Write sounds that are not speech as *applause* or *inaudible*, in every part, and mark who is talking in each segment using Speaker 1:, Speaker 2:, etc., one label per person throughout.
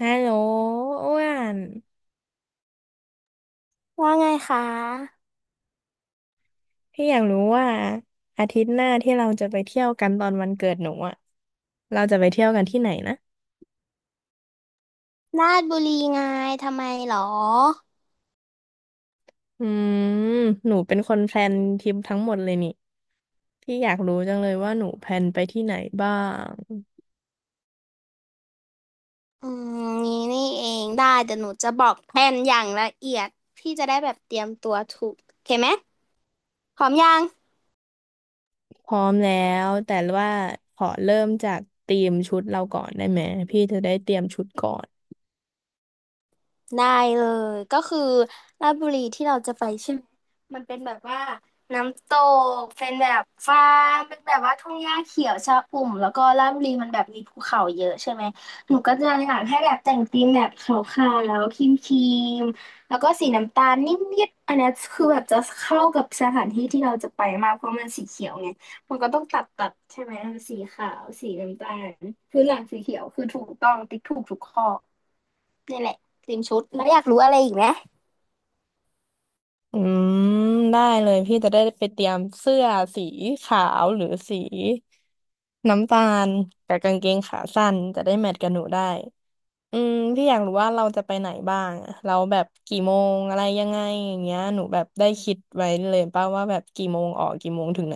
Speaker 1: ฮัลโหลอ้วน
Speaker 2: ว่าไงคะ
Speaker 1: พี่อยากรู้ว่าอาทิตย์หน้าที่เราจะไปเที่ยวกันตอนวันเกิดหนูอ่ะเราจะไปเที่ยวกันที่ไหนนะ
Speaker 2: ราชบุรีไงทำไมหรอ
Speaker 1: อืมหนูเป็นคนแพลนทริปทั้งหมดเลยนี่พี่อยากรู้จังเลยว่าหนูแพลนไปที่ไหนบ้าง
Speaker 2: อืมนี่เองได้เดี๋ยวหนูจะบอกแผนอย่างละเอียดพี่จะได้แบบเตรียมตัวถูกโอเคไหมพร้อมยัง
Speaker 1: พร้อมแล้วแต่ว่าขอเริ่มจากธีมชุดเราก่อนได้ไหมพี่จะได้เตรียมชุดก่อน
Speaker 2: ได้เลยก็คือราชบุรีที่เราจะไปใช่ไหมมันเป็นแบบว่าน้ำตกเป็นแบบฟาร์มเป็นแบบว่าทุ่งหญ้าเขียวชอุ่มแล้วก็ราชบุรีมันแบบมีภูเขาเยอะใช่ไหมหนูก็จะอยากให้แบบแต่งธีมแบบขาวๆแล้วครีมๆแล้วก็สีน้ำตาลนิดๆอันเนี้ยคือแบบจะเข้ากับสถานที่ที่เราจะไปมากเพราะมันสีเขียวไงมันก็ต้องตัดตัดใช่ไหมสีขาวสีน้ำตาลคือหลังสีเขียวคือถูกต้องติ๊กถูกทุกข้อ นี่แหละเตรียมชุดแล้วอยากรู้อะไรอีกไหม
Speaker 1: อืมได้เลยพี่จะได้ไปเตรียมเสื้อสีขาวหรือสีน้ำตาลกับกางเกงขาสั้นจะได้แมทกับหนูได้พี่อยากรู้ว่าเราจะไปไหนบ้างอะเราแบบกี่โมงอะไรยังไงอย่างเงี้ยหนูแบบได้คิดไว้เลยป่ะว่าแบบกี่โมงออกกี่โมงถึงไหน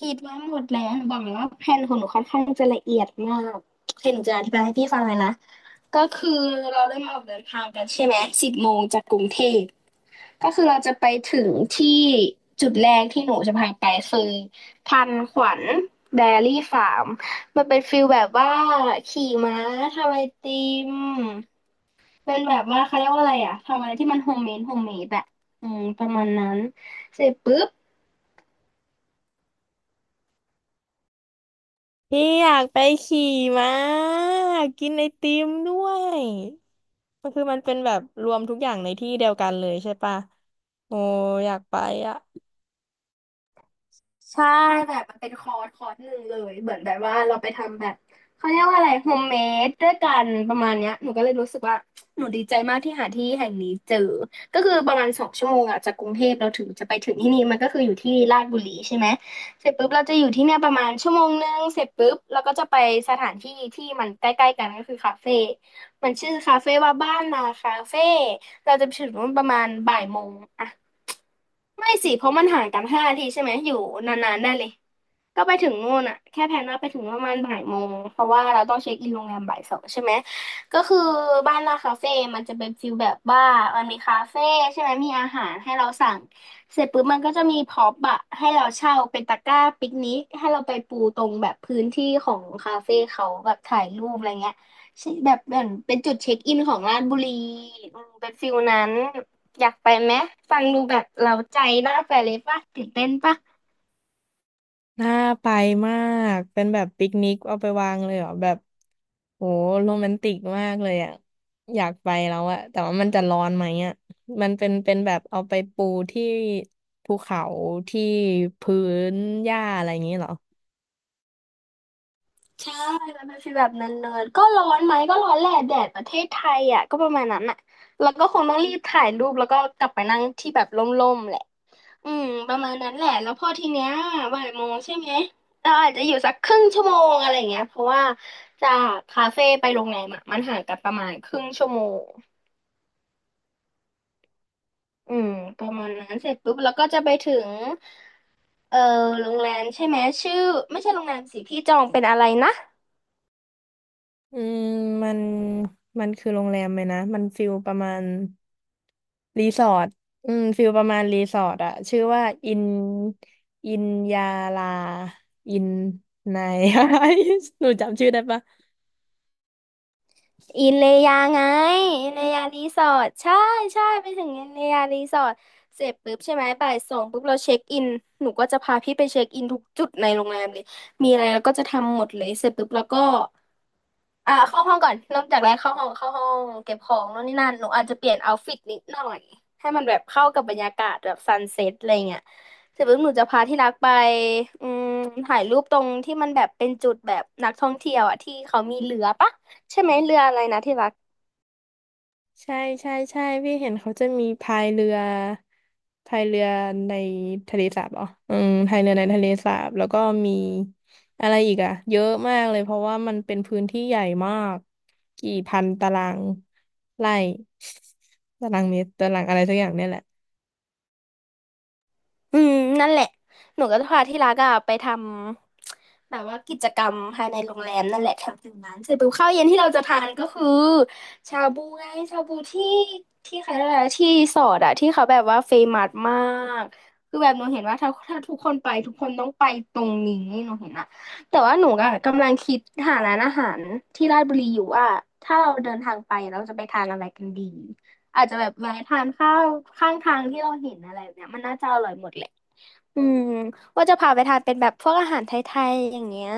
Speaker 2: คิดว่าหมดแล้วหนูบอกเลยว่าแผนของหนูค่อนข้างจะละเอียดมากเดี๋ยวหนูจะอธิบายให้พี่ฟังเลยนะก็คือเราเริ่มออกเดินทางกันใช่ไหม10 โมงจากกรุงเทพก็คือเราจะไปถึงที่จุดแรกที่หนูจะพาไปคือทันขวัญไดอารี่ฟาร์มมันเป็นฟิลแบบว่าขี่ม้าทำไอติมเป็นแบบว่าเขาเรียกว่าอะไรอะทำอะไรที่มันโฮมเมดโฮมเมดแบบอืมประมาณนั้นเสร็จปุ๊บ
Speaker 1: พี่อยากไปขี่ม้ากินไอติมด้วยก็คือมันเป็นแบบรวมทุกอย่างในที่เดียวกันเลยใช่ปะโอ้อยากไปอ่ะ
Speaker 2: ใช่แบบมันเป็นคอร์สคอร์สหนึ่งเลยเหมือนแบบว่าเราไปทำแบบเขาเรียกว่าอะไรโฮมเมดด้วยกันประมาณเนี้ยหนูก็เลยรู้สึกว่าหนูดีใจมากที่หาที่แห่งนี้เจอก็คือประมาณ2 ชั่วโมงอะจากกรุงเทพเราถึงจะไปถึงที่นี่มันก็คืออยู่ที่ลาดบุรีใช่ไหมเสร็จปุ๊บเราจะอยู่ที่เนี่ยประมาณชั่วโมงนึงเสร็จปุ๊บเราก็จะไปสถานที่ที่มันใกล้ๆกันก็คือคาเฟ่มันชื่อคาเฟ่ว่าบ้านนาคาเฟ่เราจะไปถึง่ประมาณบ่ายโมงอะไม่สิเพราะมันห่างกัน5 นาทีใช่ไหมอยู่นานๆได้เลย ก็ไปถึงนู่นอ่ะแค่แพลนว่าไปถึงประมาณบ่ายโมงเพราะว่าเราต้องเช็คอินโรงแรมบ่ายสองใช่ไหมก็คือบ้านลาคาเฟ่มันจะเป็นฟิลแบบว่ามันมีคาเฟ่ใช่ไหมมีอาหารให้เราสั่งเสร็จปุ๊บมันก็จะมีพ็อปอะให้เราเช่าเป็นตะกร้าปิกนิกให้เราไปปูตรงแบบพื้นที่ของคาเฟ่เขาแบบถ่ายรูปอะไรเงี้ยใช่แบบเหมือนเป็นจุดเช็คอินของราชบุรีอืมเป็นฟิลนั้นอยากไปไหมฟังดูแบบเราใจน่าไปเลยป่ะตื่นเต้นป่ะ
Speaker 1: น่าไปมาก เป็นแบบปิกนิกเอาไปวางเลยเหรอแบบโหโรแมนติกมากเลยอ่ะอยากไปแล้วอะแต่ว่ามันจะร้อนไหมอะมันเป็นแบบเอาไปปูที่ภูเขาที่พื้นหญ้าอะไรอย่างนี้เหรอ
Speaker 2: ใช่มันเป็นฟีลแบบเนินๆก็ร้อนไหมก็ร้อนแหละแดดประเทศไทยอ่ะก็ประมาณนั้นอ่ะแล้วก็คงต้องรีบถ่ายรูปแล้วก็กลับไปนั่งที่แบบร่มๆแหละอืมประมาณนั้นแหละแล้วพอทีเนี้ยบ่ายโมงใช่ไหมเราอาจจะอยู่สักครึ่งชั่วโมงอะไรเงี้ยเพราะว่าจากคาเฟ่ไปโรงแรมอะมันห่างกันประมาณครึ่งชั่วโมงอืมประมาณนั้นเสร็จปุ๊บแล้วก็จะไปถึงเออโรงแรมใช่ไหมชื่อไม่ใช่โรงแรมสิพี่จองเป็นอะไรนะ
Speaker 1: อืมมันมันคือโรงแรมไหมนะมันฟิลประมาณรีสอร์ทอืมฟิลประมาณรีสอร์ทอะชื่อว่าอินอินยาลาอินนาย *laughs* หนูจำชื่อได้ปะ
Speaker 2: อินเลยาไงอินเลยารีสอร์ทใช่ใช่ไปถึงอินเลยารีสอร์ทเสร็จปุ๊บใช่ไหมบ่ายสองปุ๊บเราเช็คอินหนูก็จะพาพี่ไปเช็คอินทุกจุดในโรงแรมเลยมีอะไรเราก็จะทำหมดเลยเสร็จปุ๊บแล้วก็อ่าเข้าห้องก่อนเริ่มจากแรกเข้าห้องเข้าห้องเก็บของโน่นนี่นั่นหนูอาจจะเปลี่ยนเอาท์ฟิตนิดหน่อยให้มันแบบเข้ากับบรรยากาศแบบซันเซ็ตอะไรเงี้ยเสร็จปุ๊บหนูจะพาที่รักไปอืมถ่ายรูปตรงที่มันแบบเป็นจุดแบบนักท่องเที่ยวอ่ะที่เขามีเรือปะใช่ไหมเรืออะไรนะที่รัก
Speaker 1: ใช่ใช่ใช่พี่เห็นเขาจะมีพายเรือพายเรือในทะเลสาบเหรออืมพายเรือในทะเลสาบแล้วก็มีอะไรอีกอะเยอะมากเลยเพราะว่ามันเป็นพื้นที่ใหญ่มากกี่พันตารางไร่ *laughs* ตารางเมตรตารางอะไรสักอย่างเนี่ยแหละ
Speaker 2: อืมนั่นแหละหนูก็จะพาที่รักอะไปทำแบบว่ากิจกรรมภายในโรงแรมนั่นแหละแถวตรงนั้นเสร็จปุ๊บข้าวเย็นที่เราจะทานก็คือชาบูไงชาบูที่ที่ใครอะไรนะที่สอดอะที่เขาแบบว่าเฟมัสมากคือแบบหนูเห็นว่าถ้าทุกคนไปทุกคนต้องไปตรงนี้หนูเห็นอะแต่ว่าหนูอะกำลังคิดหาร้านอาหารที่ราชบุรีอยู่ว่าถ้าเราเดินทางไปเราจะไปทานอะไรกันดีอาจจะแบบแวะทานข้าวข้างทางที่เราเห็นอะไรแบบเนี้ยมันน่าจะอร่อยหมดแหละ อืมว่าจะพาไปทานเป็นแบบพวกอาหารไทยๆอย่างเงี้ย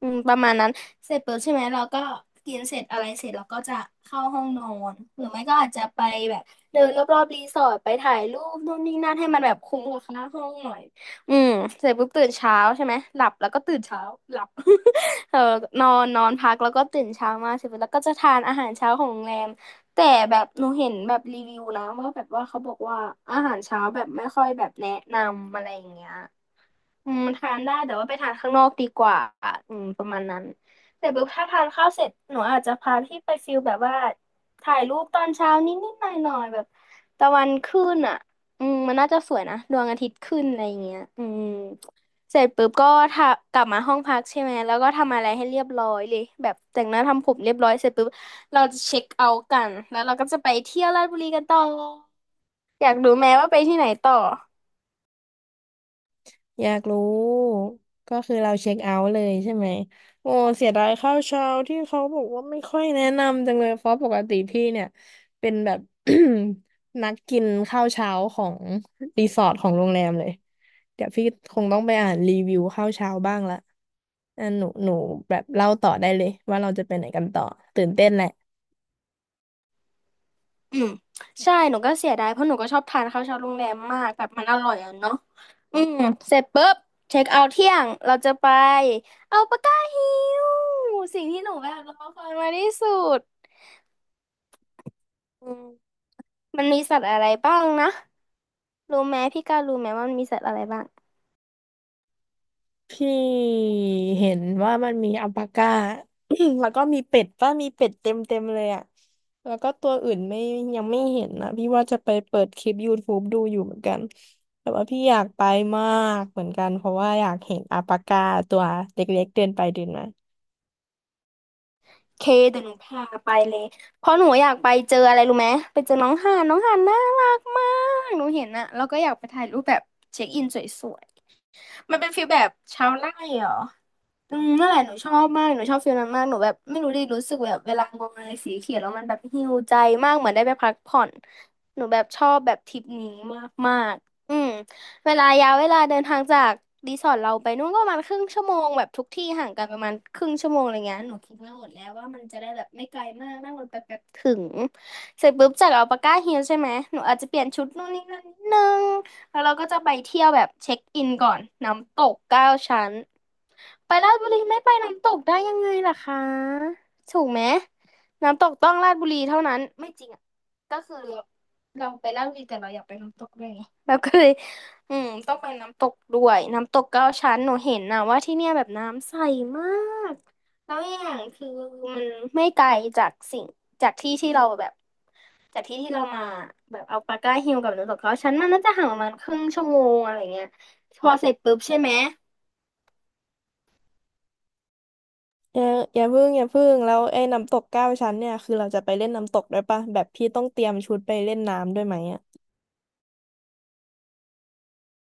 Speaker 2: ประมาณนั้นเสร็จปุ๊บใช่ไหมเราก็กินเสร็จอะไรเสร็จเราก็จะเข้าห้องนอนหรือไม่ก็อาจจะไปแบบเดินรอบๆรีสอร์ทไปถ่ายรูปนู่นนี่นั่นให้มันแบบคุ้มกับค่าห้องหน่อยอืมเสร็จปุ๊บตื่นเช้าใช่ไหมหลับแล้วก็ตื่นเช้าหลับ *laughs* เออนอนนอนพักแล้วก็ตื่นเช้ามาเสร็จปุ๊บแล้วก็จะทานอาหารเช้าของโรงแรม แต่แบบหนูเห็นแบบรีวิวนะว่าแบบว่าเขาบอกว่าอาหารเช้าแบบไม่ค่อยแบบแนะนำอะไรอย่างเงี้ยทานได้แต่ว่าไปทานข้างนอกดีกว่าประมาณนั้นแต่แบบถ้าทานข้าวเสร็จหนูอาจจะพาพี่ไปฟิลแบบว่าถ่ายรูปตอนเช้านิดๆหน่อยๆแบบตะวันขึ้นอ่ะมันน่าจะสวยนะดวงอาทิตย์ขึ้นอะไรอย่างเงี้ยเสร็จปุ๊บก็ทากลับมาห้องพักใช่ไหมแล้วก็ทำอะไรให้เรียบร้อยเลยแบบแต่งหน้าทำผมเรียบร้อยเสร็จปุ๊บ เราจะเช็คเอาท์กันแล้วเราก็จะไปเที่ยวราชบุรีกันต่ออยากรู้ไหมว่าไปที่ไหนต่อ
Speaker 1: อยากรู้ ก็คือเราเช็คเอาท์เลยใช่ไหมโอ้เสียดายข้าวเช้าที่เขาบอกว่าไม่ค่อยแนะนำจังเลยเพราะปกติพี่เนี่ยเป็นแบบ *coughs* *clears throat* นักกินข้าวเช้าของรีสอร์ทของโรงแรมเลยเดี๋ยวพี่คงต้องไปอ่านรีวิวข้าวเช้าบ้างละอ่ะหนูแบบเล่าต่อได้เลยว่าเราจะไปไหนกันต่อตื่นเต้นแหละ
Speaker 2: อืมใช่หนูก็เสียดายเพราะหนูก็ชอบทานข้าวเช้าโรงแรมมากแบบมันอร่อยอ่ะเนาะอืมเสร็จปุ๊บเช็คเอาท์เที่ยงเราจะไปเอาปากกาฮิวสิ่งที่หนูแบบรอคอยมาที่สุดอืมมันมีสัตว์อะไรบ้างนะรู้ไหมพี่ก้าวรู้ไหมว่ามันมีสัตว์อะไรบ้าง
Speaker 1: พี่เห็นว่ามันมีอัลปาก้า *clears throat* แล้วก็มีเป็ดป่ะมีเป็ดเต็มเลยอ่ะแล้วก็ตัวอื่นไม่ยังไม่เห็นนะพี่ว่าจะไปเปิดคลิปยูทูบ e ดูอยู่เหมือนกันแต่ว่าพี่อยากไปมากเหมือนกันเพราะว่าอยากเห็นอัลปาก้าตัวเล็กๆเดินไปเดินมา
Speaker 2: เคเดี๋ยวหนูพาไปเลยเพราะหนูอยากไปเจออะไรรู้ไหมไปเจอน้องห่านน้องห่านน่ารักมากหนูเห็นอะแล้วก็อยากไปถ่ายรูปแบบเช็คอินสวยๆมันเป็นฟีลแบบชาวไร่เหรอ นั่นแหละหนูชอบมากหนูชอบฟีลนั้นมากหนูแบบไม่รู้ดิรู้สึกแบบเวลามองอะไรสีเขียวแล้วมันแบบฮีลใจมากเหมือนได้ไปพักผ่อนหนูแบบชอบแบบทริปนี้มากมากอืมเวลายาวเวลาเดินทางจากรีสอร์ทเราไปนู่นก็ประมาณครึ่งชั่วโมงแบบทุกที่ห่างกันประมาณครึ่งชั่วโมงอะไรเงี้ยหนูคิดมาหมดแล้วว่ามันจะได้แบบไม่ไกลมากนั่งรถไปแป๊บถึงเสร็จปุ๊บจากอัลปาก้าฮิลใช่ไหมหนูอาจจะเปลี่ยนชุดนู่นนี่นั่นนิดนึงแล้วเราก็จะไปเที่ยวแบบเช็คอินก่อนน้ำตกเก้าชั้น ไปราชบุรีไม่ไปน้ำตกได้ยังไงล่ะคะถูกไหมน้ำตกต้องราชบุรีเท่านั้นไม่จริงอ่ะก็คือเราไปราชบุรีแต่เราอยากไปน้ำตกด้วยไงเราก็เลยต้องไปน้ำตกด้วยน้ำตกเก้าชั้นหนูเห็นนะว่าที่เนี่ยแบบน้ำใสมากแล้วอย่างคือมันไม่ไกลจากสิ่งจากที่ที่เราแบบจากที่ที่เรามาแบบเอาปาก้าฮิลกับน้ำตกเก้าชั้นมันน่าจะห่างประมาณครึ่งชั่วโมงอะไรเงี้ยพอเสร็จปุ๊บใช่ไหม
Speaker 1: อย่าอย่าพึ่งแล้วไอ้น้ำตกเก้าชั้นเนี่ยคือเราจะไปเล่นน้ำตกด้วยป่ะแบบพี่ต้องเตรียมชุดไปเล่นน้ำด้วยไหมอ่ะ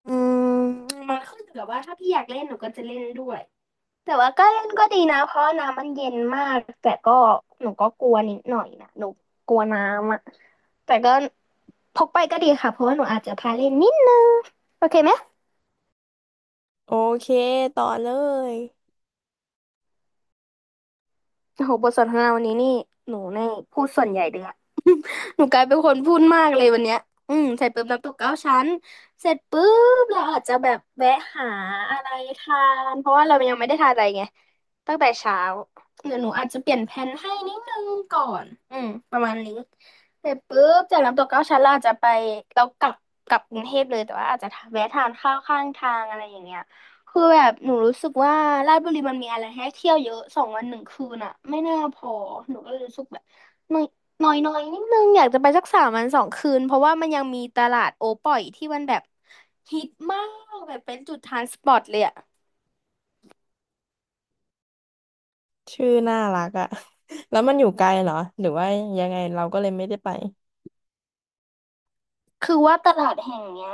Speaker 2: อืมมันขึ้นอยู่กับว่าถ้าพี่อยากเล่นหนูก็จะเล่นด้วยแต่ว่าก็เล่นก็ดีนะเพราะน้ำมันเย็นมากแต่ก็หนูก็กลัวนิดหน่อยนะหนูกลัวน้ำอะแต่ก็พกไปก็ดีค่ะเพราะว่าหนูอาจจะพาเล่นนิดนึงโอเคไหม
Speaker 1: โอเคต่อเลย
Speaker 2: โอ้โหบทสนทนาวันนี้นี่หนูในพูดส่วนใหญ่เลยอะ หนูกลายเป็นคนพูดมากเลยวันเนี้ยใส่ปุ๊บน้ำตกเก้าชั้นเสร็จปุ๊บเราอาจจะแบบแวะหาอะไรทานเพราะว่าเรายังไม่ได้ทานอะไรไงตั้งแต่เช้าเดี๋ยวหนูอาจจะเปลี่ยนแผนให้นิดนึงก่อน ประมาณนี้เสร็จปุ๊บจากน้ำตกเก้าชั้นเราอาจจะไปเรากลับกลับกรุงเทพเลยแต่ว่าอาจจะแวะทานข้าวข้างทางอะไรอย่างเงี้ยคือแบบหนูรู้สึกว่าราชบุรีมันมีอะไรให้เที่ยวเยอะสองวันหนึ่งคืนอะไม่น่าพอหนูก็เลยรู้สึกแบบ น้อยน้อยนิดนึง อยากจะไปสักสามวันสองคืน เพราะว่ามันยังมีตลาดโอป่อยที่มันแบบฮิตมาก แบบเป็นจุดทรานสปอร์ตเลยอะ
Speaker 1: ชื่อน่ารักอะ *laughs* แล้วมันอยู่ไกลเหรอ หรือว่ายังไงเราก็เลยไม่ได้ไป
Speaker 2: คือว่าตลาดแห่งเนี้ย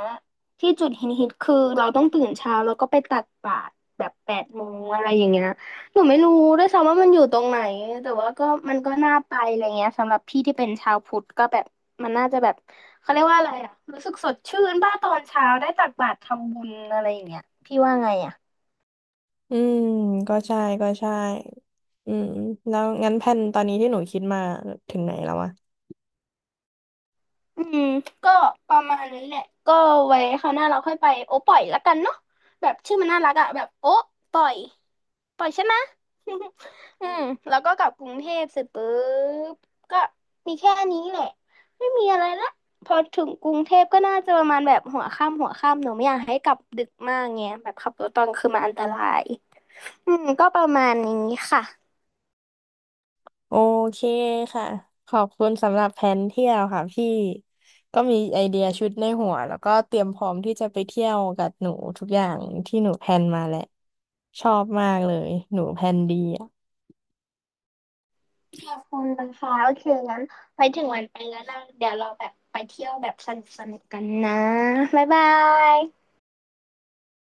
Speaker 2: ที่จุดฮิตฮิตคือเราต้องตื่นเช้าแล้วก็ไปตักบาตรแบบแปดโมงอะไรอย่างเงี้ยหนูไม่รู้ด้วยซ้ำว่ามันอยู่ตรงไหน แต่ว่าก็มันก็น่าไปอะไรเงี้ยสำหรับพี่ที่เป็นชาวพุทธก็แบบมันน่าจะแบบเขาเรียกว่าอะไรอะรู้สึกสดชื่นบ้าตอนเช้าได้ตักบาตรทำบุญอะไรอย่างเงี้ยพี่ว่าไงอะ
Speaker 1: อืม ก็ใช่ก็ใช่อืมแล้วงั้นแผนตอนนี้ที่หนูคิดมาถึงไหนแล้ววะ
Speaker 2: อืมก็ประมาณนี้แหละก็ไว้คราวหน้าเราค่อยไปโอ้ปล่อยละกันเนาะแบบชื่อมันน่ารักอะแบบโอ้ปล่อยปล่อยใช่ไหม *laughs* อืมแล้วก็กลับกรุงเทพเสร็จปุ๊บก็มีแค่นี้แหละไม่มีอะไรละพอถึงกรุงเทพก็น่าจะประมาณแบบหัวค่ำหัวค่ำหนูไม่อยากให้กลับดึกมากไงแบบขับรถตอนกลางคือมันอันตรายก็ประมาณนี้ค่ะ
Speaker 1: โอเคค่ะ ขอบคุณสำหรับแผนเที่ยวค่ะพี่ ก็มีไอเดียชุดในหัวแล้วก็เตรียมพร้อมที่จะไปเที่ยวกับหนูทุกอย่างที่หนูแพลนมาแหละชอบมากเลย หนูแพลนดี
Speaker 2: ค่ะคุณนะคะโอเคงั้นไว้ถึงวันไปแล้วนะเดี๋ยวเราแบบไปเที่ยวแบบสนุกสนุกกันนะบ๊ายบาย